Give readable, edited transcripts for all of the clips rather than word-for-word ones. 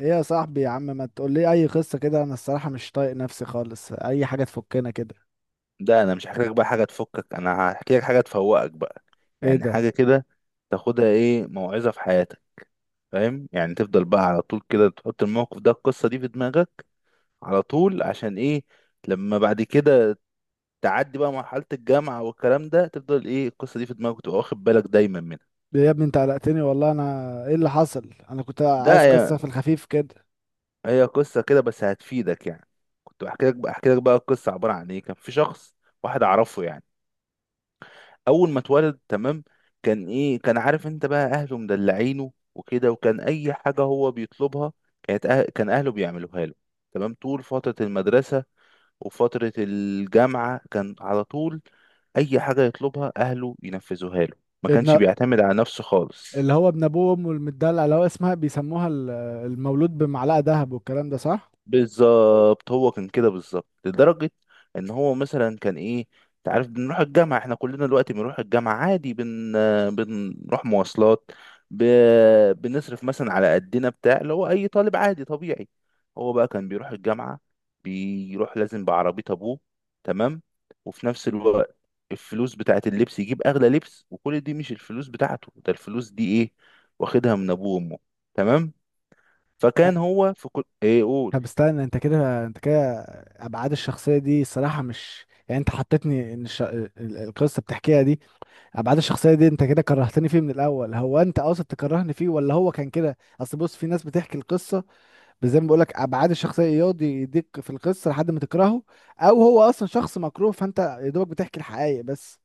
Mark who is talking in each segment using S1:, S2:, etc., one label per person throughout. S1: ايه يا صاحبي يا عم، ما تقول لي اي قصه كده. انا الصراحه مش طايق نفسي خالص، اي حاجه تفكنا كده.
S2: ده انا مش هحكي لك بقى حاجه تفكك، انا هحكي لك حاجه تفوقك بقى.
S1: ايه
S2: يعني
S1: ده؟
S2: حاجه كده تاخدها ايه موعظه في حياتك. فاهم؟ يعني تفضل بقى على طول كده تحط الموقف ده، القصه دي في دماغك على طول. عشان ايه؟ لما بعد كده تعدي بقى مرحله الجامعه والكلام ده تفضل ايه القصه دي في دماغك وتبقى واخد بالك دايما منها.
S1: ليه يا ابني؟ انت قلقتني والله. انا ايه اللي حصل؟ انا كنت
S2: ده
S1: عايز
S2: هي،
S1: قصه في الخفيف كده.
S2: هي قصه كده بس هتفيدك يعني. كنت بحكي لك بقى. القصه عباره عن ايه؟ كان في شخص واحد اعرفه يعني، اول ما اتولد تمام، كان ايه؟ كان عارف انت بقى اهله مدلعينه وكده، وكان اي حاجه هو بيطلبها كانت كان اهله بيعملوها له. تمام. طول فتره المدرسه وفتره الجامعه كان على طول اي حاجه يطلبها اهله ينفذوها له، ما كانش
S1: ابن،
S2: بيعتمد على نفسه خالص.
S1: اللي هو ابن ابوه وامه المدلع، اللي هو اسمها بيسموها المولود بمعلقه ذهب، والكلام ده صح.
S2: بالظبط، هو كان كده بالظبط، لدرجة ان هو مثلا كان ايه، انت عارف بنروح الجامعة، احنا كلنا دلوقتي بنروح الجامعة عادي، بنروح مواصلات، ب... بنصرف مثلا على قدنا بتاع اللي هو اي طالب عادي طبيعي. هو بقى كان بيروح الجامعة، بيروح لازم بعربية ابوه. تمام. وفي نفس الوقت الفلوس بتاعت اللبس يجيب اغلى لبس، وكل دي مش الفلوس بتاعته، ده الفلوس دي ايه؟ واخدها من ابوه وامه. تمام. فكان
S1: أ-
S2: هو في كل ايه، قول.
S1: طب استنى، انت كده ابعاد الشخصيه دي الصراحه مش، يعني انت حطيتني ان القصه بتحكيها دي، ابعاد الشخصيه دي انت كده كرهتني فيه من الاول. هو انت قاصد تكرهني فيه، ولا هو كان كده؟ اصل بص، في ناس بتحكي القصه، زي ما بقول لك ابعاد الشخصيه، يقعد يديك في القصه لحد ما تكرهه، او هو اصلا شخص مكروه فانت يا دوبك بتحكي الحقائق بس.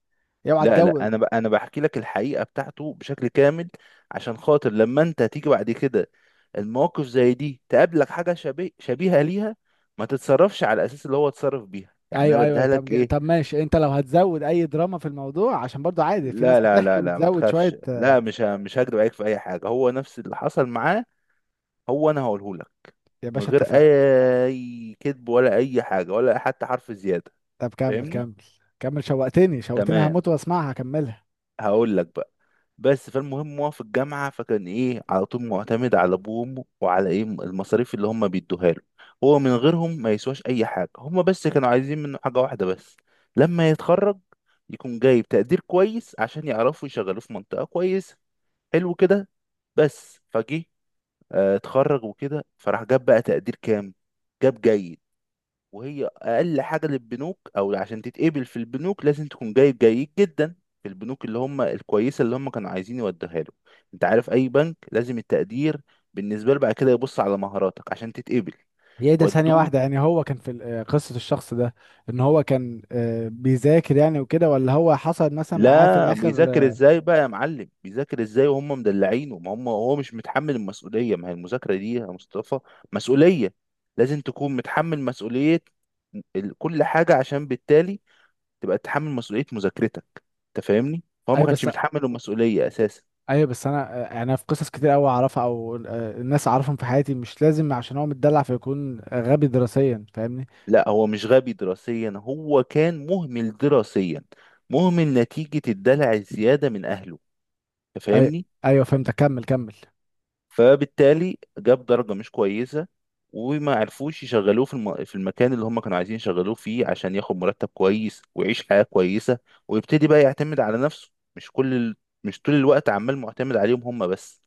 S1: اوعى
S2: لا
S1: تجود.
S2: انا انا بحكي لك الحقيقه بتاعته بشكل كامل، عشان خاطر لما انت تيجي بعد كده المواقف زي دي تقابلك، حاجه شبيهه ليها، ما تتصرفش على الاساس اللي هو اتصرف بيها. يعني انا
S1: ايوه ايوه،
S2: بديها
S1: طب
S2: لك ايه،
S1: طب ماشي، انت لو هتزود اي دراما في الموضوع، عشان برضو عادي، في ناس
S2: لا لا
S1: بتحكي
S2: لا لا ما
S1: وبتزود شويه
S2: تخافش، لا مش مش هكدب عليك في اي حاجه، هو نفس اللي حصل معاه، هو انا هقوله لك
S1: يا
S2: من
S1: باشا
S2: غير
S1: اتفقنا.
S2: اي كذب ولا اي حاجه ولا حتى حرف زياده.
S1: طب كمل
S2: فاهمني؟
S1: كمل. كمل، شوقتني شوقتني،
S2: تمام.
S1: هموت واسمعها، كملها.
S2: هقول لك بقى. بس فالمهم، هو في الجامعة فكان ايه، على طول معتمد على ابوه وامه وعلى ايه، المصاريف اللي هم بيدوها له. هو من غيرهم ما يسواش اي حاجة. هم بس كانوا عايزين منه حاجة واحدة بس، لما يتخرج يكون جايب تقدير كويس عشان يعرفوا يشغلوه في منطقة كويسة. حلو كده. بس فجه، اتخرج وكده، فراح جاب بقى تقدير كام؟ جاب جيد. وهي اقل حاجه للبنوك، او عشان تتقبل في البنوك لازم تكون جايب جيد جدا، في البنوك اللي هم الكويسه اللي هم كانوا عايزين يوديها له. انت عارف اي بنك لازم التقدير بالنسبه له، بعد كده يبص على مهاراتك عشان تتقبل،
S1: هي ده؟ ثانية
S2: ودوه.
S1: واحدة، يعني هو كان في قصة الشخص ده، ان هو كان بيذاكر يعني وكده، ولا هو حصل مثلا معاه في
S2: لا
S1: الاخر
S2: بيذاكر
S1: آه،
S2: ازاي بقى يا معلم؟ بيذاكر ازاي وهم مدلعينه؟ ما هم هو مش متحمل المسؤوليه، ما هي المذاكره دي يا مصطفى مسؤوليه، لازم تكون متحمل مسؤوليه كل حاجه، عشان بالتالي تبقى تتحمل مسؤولية مذاكرتك. انت فاهمني؟ هو ما
S1: ايوه
S2: كانش
S1: بس،
S2: متحمل المسؤولية اساسا.
S1: ايوه بس انا يعني انا في قصص كتير قوي اعرفها، او الناس اعرفهم في حياتي، مش لازم عشان هو متدلع فيكون غبي دراسيا، فاهمني؟
S2: لا هو مش غبي دراسيا، هو كان مهمل دراسيا، مهمل نتيجة الدلع الزيادة من اهله. انت
S1: ايوه
S2: فاهمني؟
S1: ايوه، فهمت، كمل كمل.
S2: فبالتالي جاب درجة مش كويسة، وما عرفوش يشغلوه في في المكان اللي هم كانوا عايزين يشغلوه فيه عشان ياخد مرتب كويس ويعيش حياة كويسة ويبتدي بقى يعتمد على نفسه، مش مش طول الوقت عمال معتمد عليهم هم بس.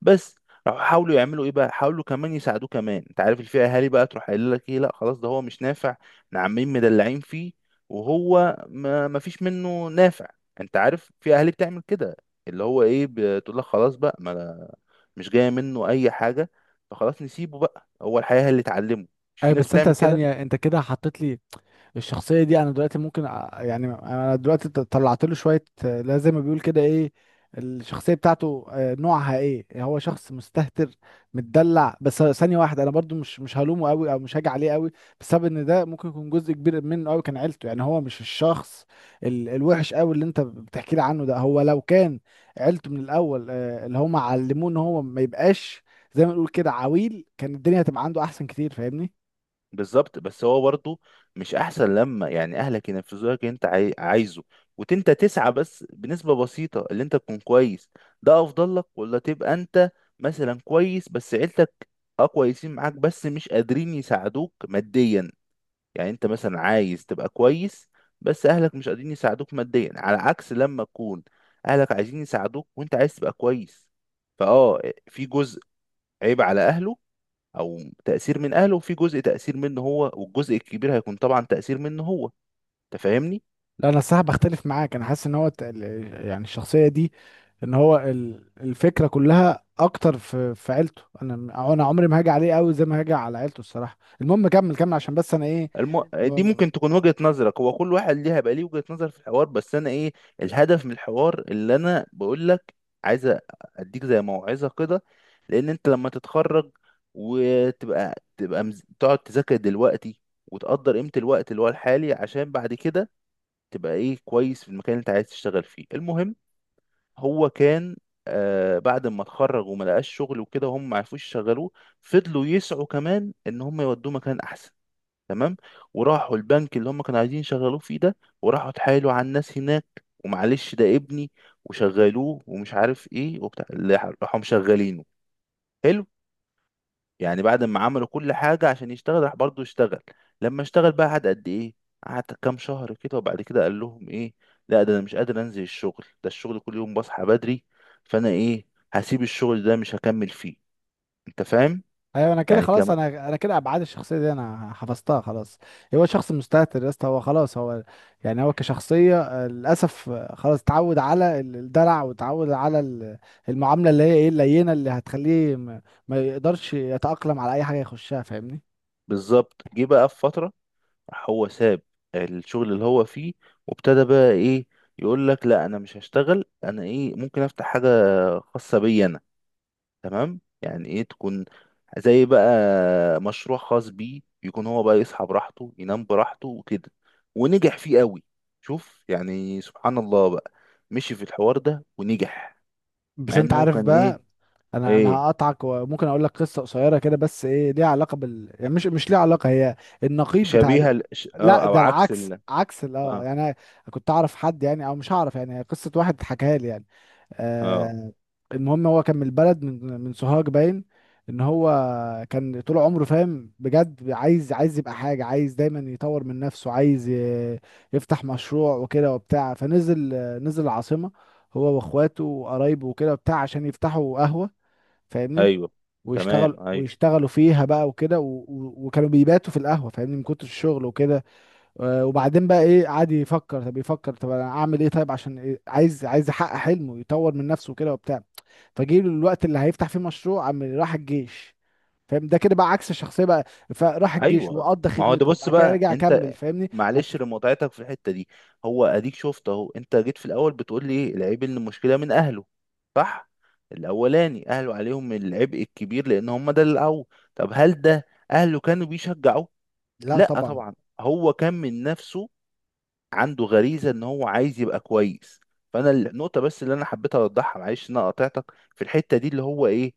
S2: بس راحوا حاولوا يعملوا ايه بقى، حاولوا كمان يساعدوه كمان. انت عارف الفئه اهالي بقى تروح قايل لك ايه، لا خلاص ده هو مش نافع، احنا عمالين مدلعين فيه وهو ما فيش منه نافع. انت عارف في اهالي بتعمل كده، اللي هو ايه بتقول لك خلاص بقى، ما مش جايه منه اي حاجه، فخلاص نسيبه بقى، هو الحياه هي اللي اتعلمه. مش
S1: ايوه
S2: في ناس
S1: بس انت
S2: بتعمل كده؟
S1: ثانية، انت كده حطيت لي الشخصيه دي. انا دلوقتي ممكن يعني انا دلوقتي طلعت له شويه لا زي ما بيقول كده ايه، الشخصيه بتاعته نوعها ايه. هو شخص مستهتر، متدلع. بس ثانيه واحده، انا برضو مش هلومه قوي، او مش هاجي عليه قوي، بسبب ان ده ممكن يكون جزء كبير منه قوي كان عيلته. يعني هو مش الشخص الوحش قوي اللي انت بتحكي لي عنه ده. هو لو كان عيلته من الاول اللي هم علموه ان هو ما يبقاش زي ما نقول كده عويل، كان الدنيا هتبقى عنده احسن كتير، فاهمني؟
S2: بالظبط. بس هو برضه مش احسن لما يعني اهلك ينفذوا لك اللي انت عايزه، انت تسعى بس بنسبة بسيطة اللي انت تكون كويس، ده افضل لك ولا تبقى انت مثلا كويس بس عيلتك اه كويسين معاك بس مش قادرين يساعدوك ماديا؟ يعني انت مثلا عايز تبقى كويس بس اهلك مش قادرين يساعدوك ماديا، على عكس لما تكون اهلك عايزين يساعدوك وانت عايز تبقى كويس. فاه، في جزء عيب على اهله او تأثير من اهله، وفي جزء تأثير منه هو، والجزء الكبير هيكون طبعا تأثير منه هو. انت فاهمني؟
S1: لا انا الصراحه بختلف معاك، انا حاسس ان هو يعني الشخصيه دي، ان هو الفكره كلها اكتر في عيلته. انا عمري ما هاجي عليه قوي زي ما هاجي على عيلته الصراحه. المهم كمل كمل، عشان بس انا ايه. م-
S2: دي
S1: م-
S2: ممكن تكون وجهة نظرك، هو كل واحد ليها بقى ليه وجهة نظر في الحوار، بس انا ايه الهدف من الحوار اللي انا بقول لك، عايز اديك زي موعظة كده، لان انت لما تتخرج وتبقى تقعد تذاكر دلوقتي وتقدر قيمة الوقت اللي هو الحالي، عشان بعد كده تبقى ايه كويس في المكان اللي انت عايز تشتغل فيه. المهم، هو كان بعد ما اتخرج وما لقاش شغل وكده وهم ما عرفوش يشغلوه، فضلوا يسعوا كمان ان هم يودوه مكان احسن. تمام. وراحوا البنك اللي هم كانوا عايزين يشغلوه فيه ده، وراحوا اتحايلوا على الناس هناك ومعلش ده ابني وشغلوه ومش عارف ايه وبتاع، اللي راحوا مشغلينه. حلو. يعني بعد ما عملوا كل حاجة عشان يشتغل، راح برضه اشتغل. لما اشتغل بقى، قعد قد ايه؟ قعد كام شهر كده، وبعد كده قال لهم ايه، لا ده انا مش قادر انزل الشغل ده، الشغل كل يوم بصحى بدري، فانا ايه هسيب الشغل ده مش هكمل فيه. انت فاهم؟
S1: ايوه انا كده
S2: يعني
S1: خلاص،
S2: كم.
S1: انا كده ابعاد الشخصيه دي انا حفظتها خلاص. هو شخص مستهتر يا اسطى، هو خلاص هو، يعني هو كشخصيه للاسف خلاص اتعود على الدلع، واتعود على المعامله اللي هي ايه، اللينه، اللي هتخليه ما يقدرش يتاقلم على اي حاجه يخشها، فاهمني؟
S2: بالظبط. جه بقى في فترة راح هو ساب الشغل اللي هو فيه، وابتدى بقى ايه يقول لك لا انا مش هشتغل، انا ايه ممكن افتح حاجة خاصة بيا انا. تمام. يعني ايه، تكون زي بقى مشروع خاص بيه، يكون هو بقى يصحى براحته ينام براحته وكده. ونجح فيه قوي. شوف يعني سبحان الله بقى، مشي في الحوار ده ونجح،
S1: بس
S2: مع
S1: انت
S2: ان هو
S1: عارف
S2: كان ايه.
S1: بقى، انا
S2: ايه؟
S1: هقطعك، وممكن اقول لك قصه قصيره كده، بس ايه ليها علاقه بال، يعني مش ليها علاقه، هي النقيض بتاع
S2: شبيهة
S1: لا
S2: اه، او
S1: ده
S2: عكس
S1: العكس، عكس اه
S2: اه.
S1: يعني انا كنت اعرف حد يعني، او مش هعرف، يعني هي قصه واحد حكاها لي يعني.
S2: اه.
S1: آه المهم هو كان من البلد، من سوهاج. باين ان هو كان طول عمره فاهم بجد، عايز يبقى حاجه، عايز دايما يطور من نفسه، عايز يفتح مشروع وكده وبتاع. فنزل، نزل العاصمه هو واخواته وقرايبه وكده بتاع، عشان يفتحوا قهوة، فاهمني؟
S2: ايوه.
S1: ويشتغل
S2: تمام. ايوه.
S1: ويشتغلوا فيها بقى وكده وكانوا بيباتوا في القهوة، فاهمني، من كتر الشغل وكده. وبعدين بقى ايه، قعد يفكر، طب يفكر طب انا اعمل ايه، طيب عشان إيه؟ عايز يحقق حلمه، يطور من نفسه وكده وبتاع. فجه له الوقت اللي هيفتح فيه مشروع، عم راح الجيش. فاهم ده كده بقى عكس الشخصية بقى. فراح الجيش
S2: ايوه،
S1: وقضى
S2: ما هو ده.
S1: خدمته،
S2: بص
S1: بعد كده
S2: بقى
S1: رجع كمل
S2: انت،
S1: فاهمني.
S2: معلش لمتعتك في الحته دي، هو اديك شفت اهو، انت جيت في الاول بتقول لي العيب ان المشكله من اهله، صح؟ الاولاني اهله عليهم العبء الكبير لان هم ده اللي قووا. طب هل ده اهله كانوا بيشجعوه؟
S1: لا
S2: لا
S1: طبعا.
S2: طبعا، هو كان من نفسه، عنده غريزه ان هو عايز يبقى كويس. فانا النقطه بس اللي انا حبيت اوضحها معلش ان انا قاطعتك في الحته دي، اللي هو ايه،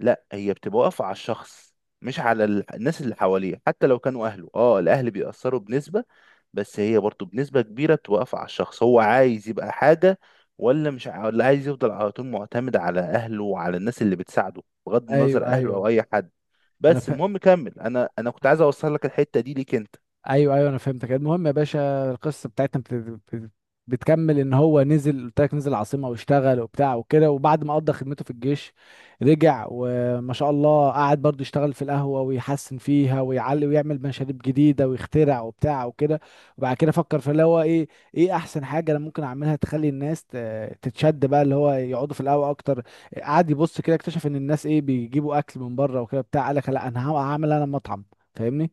S2: لا هي بتبقى واقفه على الشخص، مش على الناس اللي حواليه، حتى لو كانوا اهله. اه الاهل بيأثروا بنسبه، بس هي برضو بنسبه كبيره بتوقف على الشخص، هو عايز يبقى حاجه ولا مش ع- ولا عايز يفضل على طول معتمد على اهله وعلى الناس اللي بتساعده، بغض
S1: ايوه
S2: النظر اهله
S1: ايوه.
S2: او اي حد.
S1: انا
S2: بس
S1: فا...
S2: المهم كمل، انا كنت عايز اوصل لك الحته دي ليك انت.
S1: ايوه ايوه انا فهمتك. المهم يا باشا، القصه بتاعتنا بت- بتكمل ان هو نزل، قلت لك نزل العاصمه واشتغل وبتاع وكده، وبعد ما قضى خدمته في الجيش رجع، وما شاء الله، قعد برضه يشتغل في القهوه ويحسن فيها ويعلي ويعمل مشاريب جديده ويخترع وبتاع وكده. وبعد كده فكر في اللي هو ايه، ايه احسن حاجه انا ممكن اعملها تخلي الناس تتشد بقى، اللي هو يقعدوا في القهوه اكتر. قعد يبص كده، اكتشف ان الناس ايه، بيجيبوا اكل من بره وكده بتاع. قال لك لا، انا هعمل انا مطعم، فاهمني؟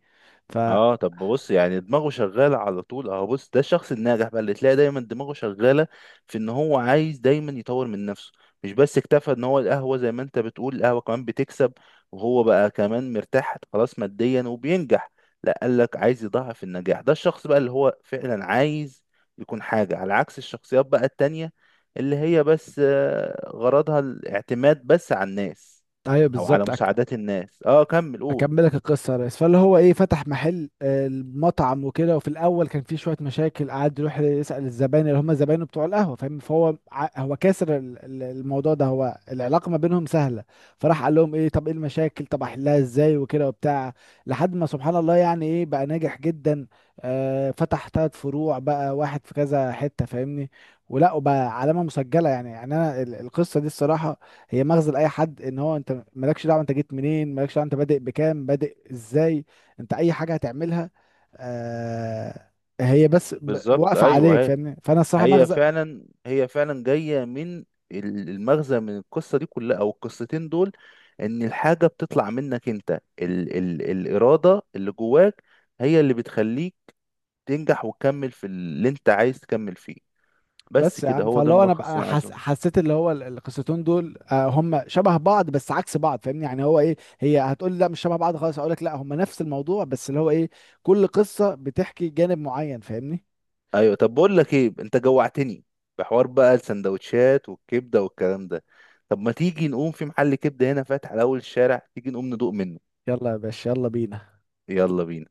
S1: ف
S2: اه، طب بص، يعني دماغه شغاله على طول اهو، بص ده الشخص الناجح بقى اللي تلاقي دايما دماغه شغاله في ان هو عايز دايما يطور من نفسه، مش بس اكتفى ان هو القهوه زي ما انت بتقول القهوه كمان بتكسب وهو بقى كمان مرتاح خلاص ماديا وبينجح، لا قال لك عايز يضاعف النجاح. ده الشخص بقى اللي هو فعلا عايز يكون حاجه، على عكس الشخصيات بقى التانية اللي هي بس غرضها الاعتماد بس على الناس
S1: ايوه
S2: او على
S1: بالظبط.
S2: مساعدات الناس. اه كمل قول.
S1: اكملك القصه يا ريس. فاللي هو ايه، فتح محل المطعم وكده. وفي الاول كان فيه شويه مشاكل، قعد يروح يسال الزباين، اللي هم زباينه بتوع القهوه، فاهم؟ فهو هو كاسر الموضوع ده، هو العلاقه ما بينهم سهله. فراح قال لهم ايه، طب ايه المشاكل، طب احلها ازاي وكده وبتاع. لحد ما سبحان الله، يعني ايه، بقى ناجح جدا. آه، فتح ثلاث فروع بقى، واحد في كذا حته، فاهمني؟ ولا وبقى علامه مسجله يعني. يعني انا القصه دي الصراحه هي مغزى لاي حد، ان هو انت مالكش دعوه انت جيت منين، مالكش دعوه انت بادئ بكام، بادئ ازاي، انت اي حاجه هتعملها، آه، هي بس
S2: بالظبط،
S1: واقفه
S2: ايوه
S1: عليك،
S2: اهي،
S1: فاهمني؟ فانا الصراحه
S2: هي
S1: مغزى.
S2: فعلا، هي فعلا جاية من المغزى من القصة دي كلها أو القصتين دول، إن الحاجة بتطلع منك أنت، ال الإرادة اللي جواك هي اللي بتخليك تنجح وتكمل في اللي أنت عايز تكمل فيه. بس
S1: بس يا
S2: كده،
S1: عم،
S2: هو ده
S1: فاللي هو انا بقى،
S2: الملخص
S1: أنا
S2: اللي أنا عايزه.
S1: حسيت اللي هو القصتين دول آه هم شبه بعض بس عكس بعض، فاهمني؟ يعني هو ايه، هي هتقول لي لا مش شبه بعض خالص، اقول لك لا هم نفس الموضوع، بس اللي هو ايه، كل قصه بتحكي جانب معين، فاهمني؟
S2: أيوه، طب بقول لك إيه، أنت جوعتني بحوار بقى السندوتشات والكبدة والكلام ده. طب ما تيجي نقوم في محل كبدة هنا فاتح على أول الشارع، تيجي نقوم ندوق منه.
S1: يلا يا باشا، يلا بينا.
S2: يلا بينا.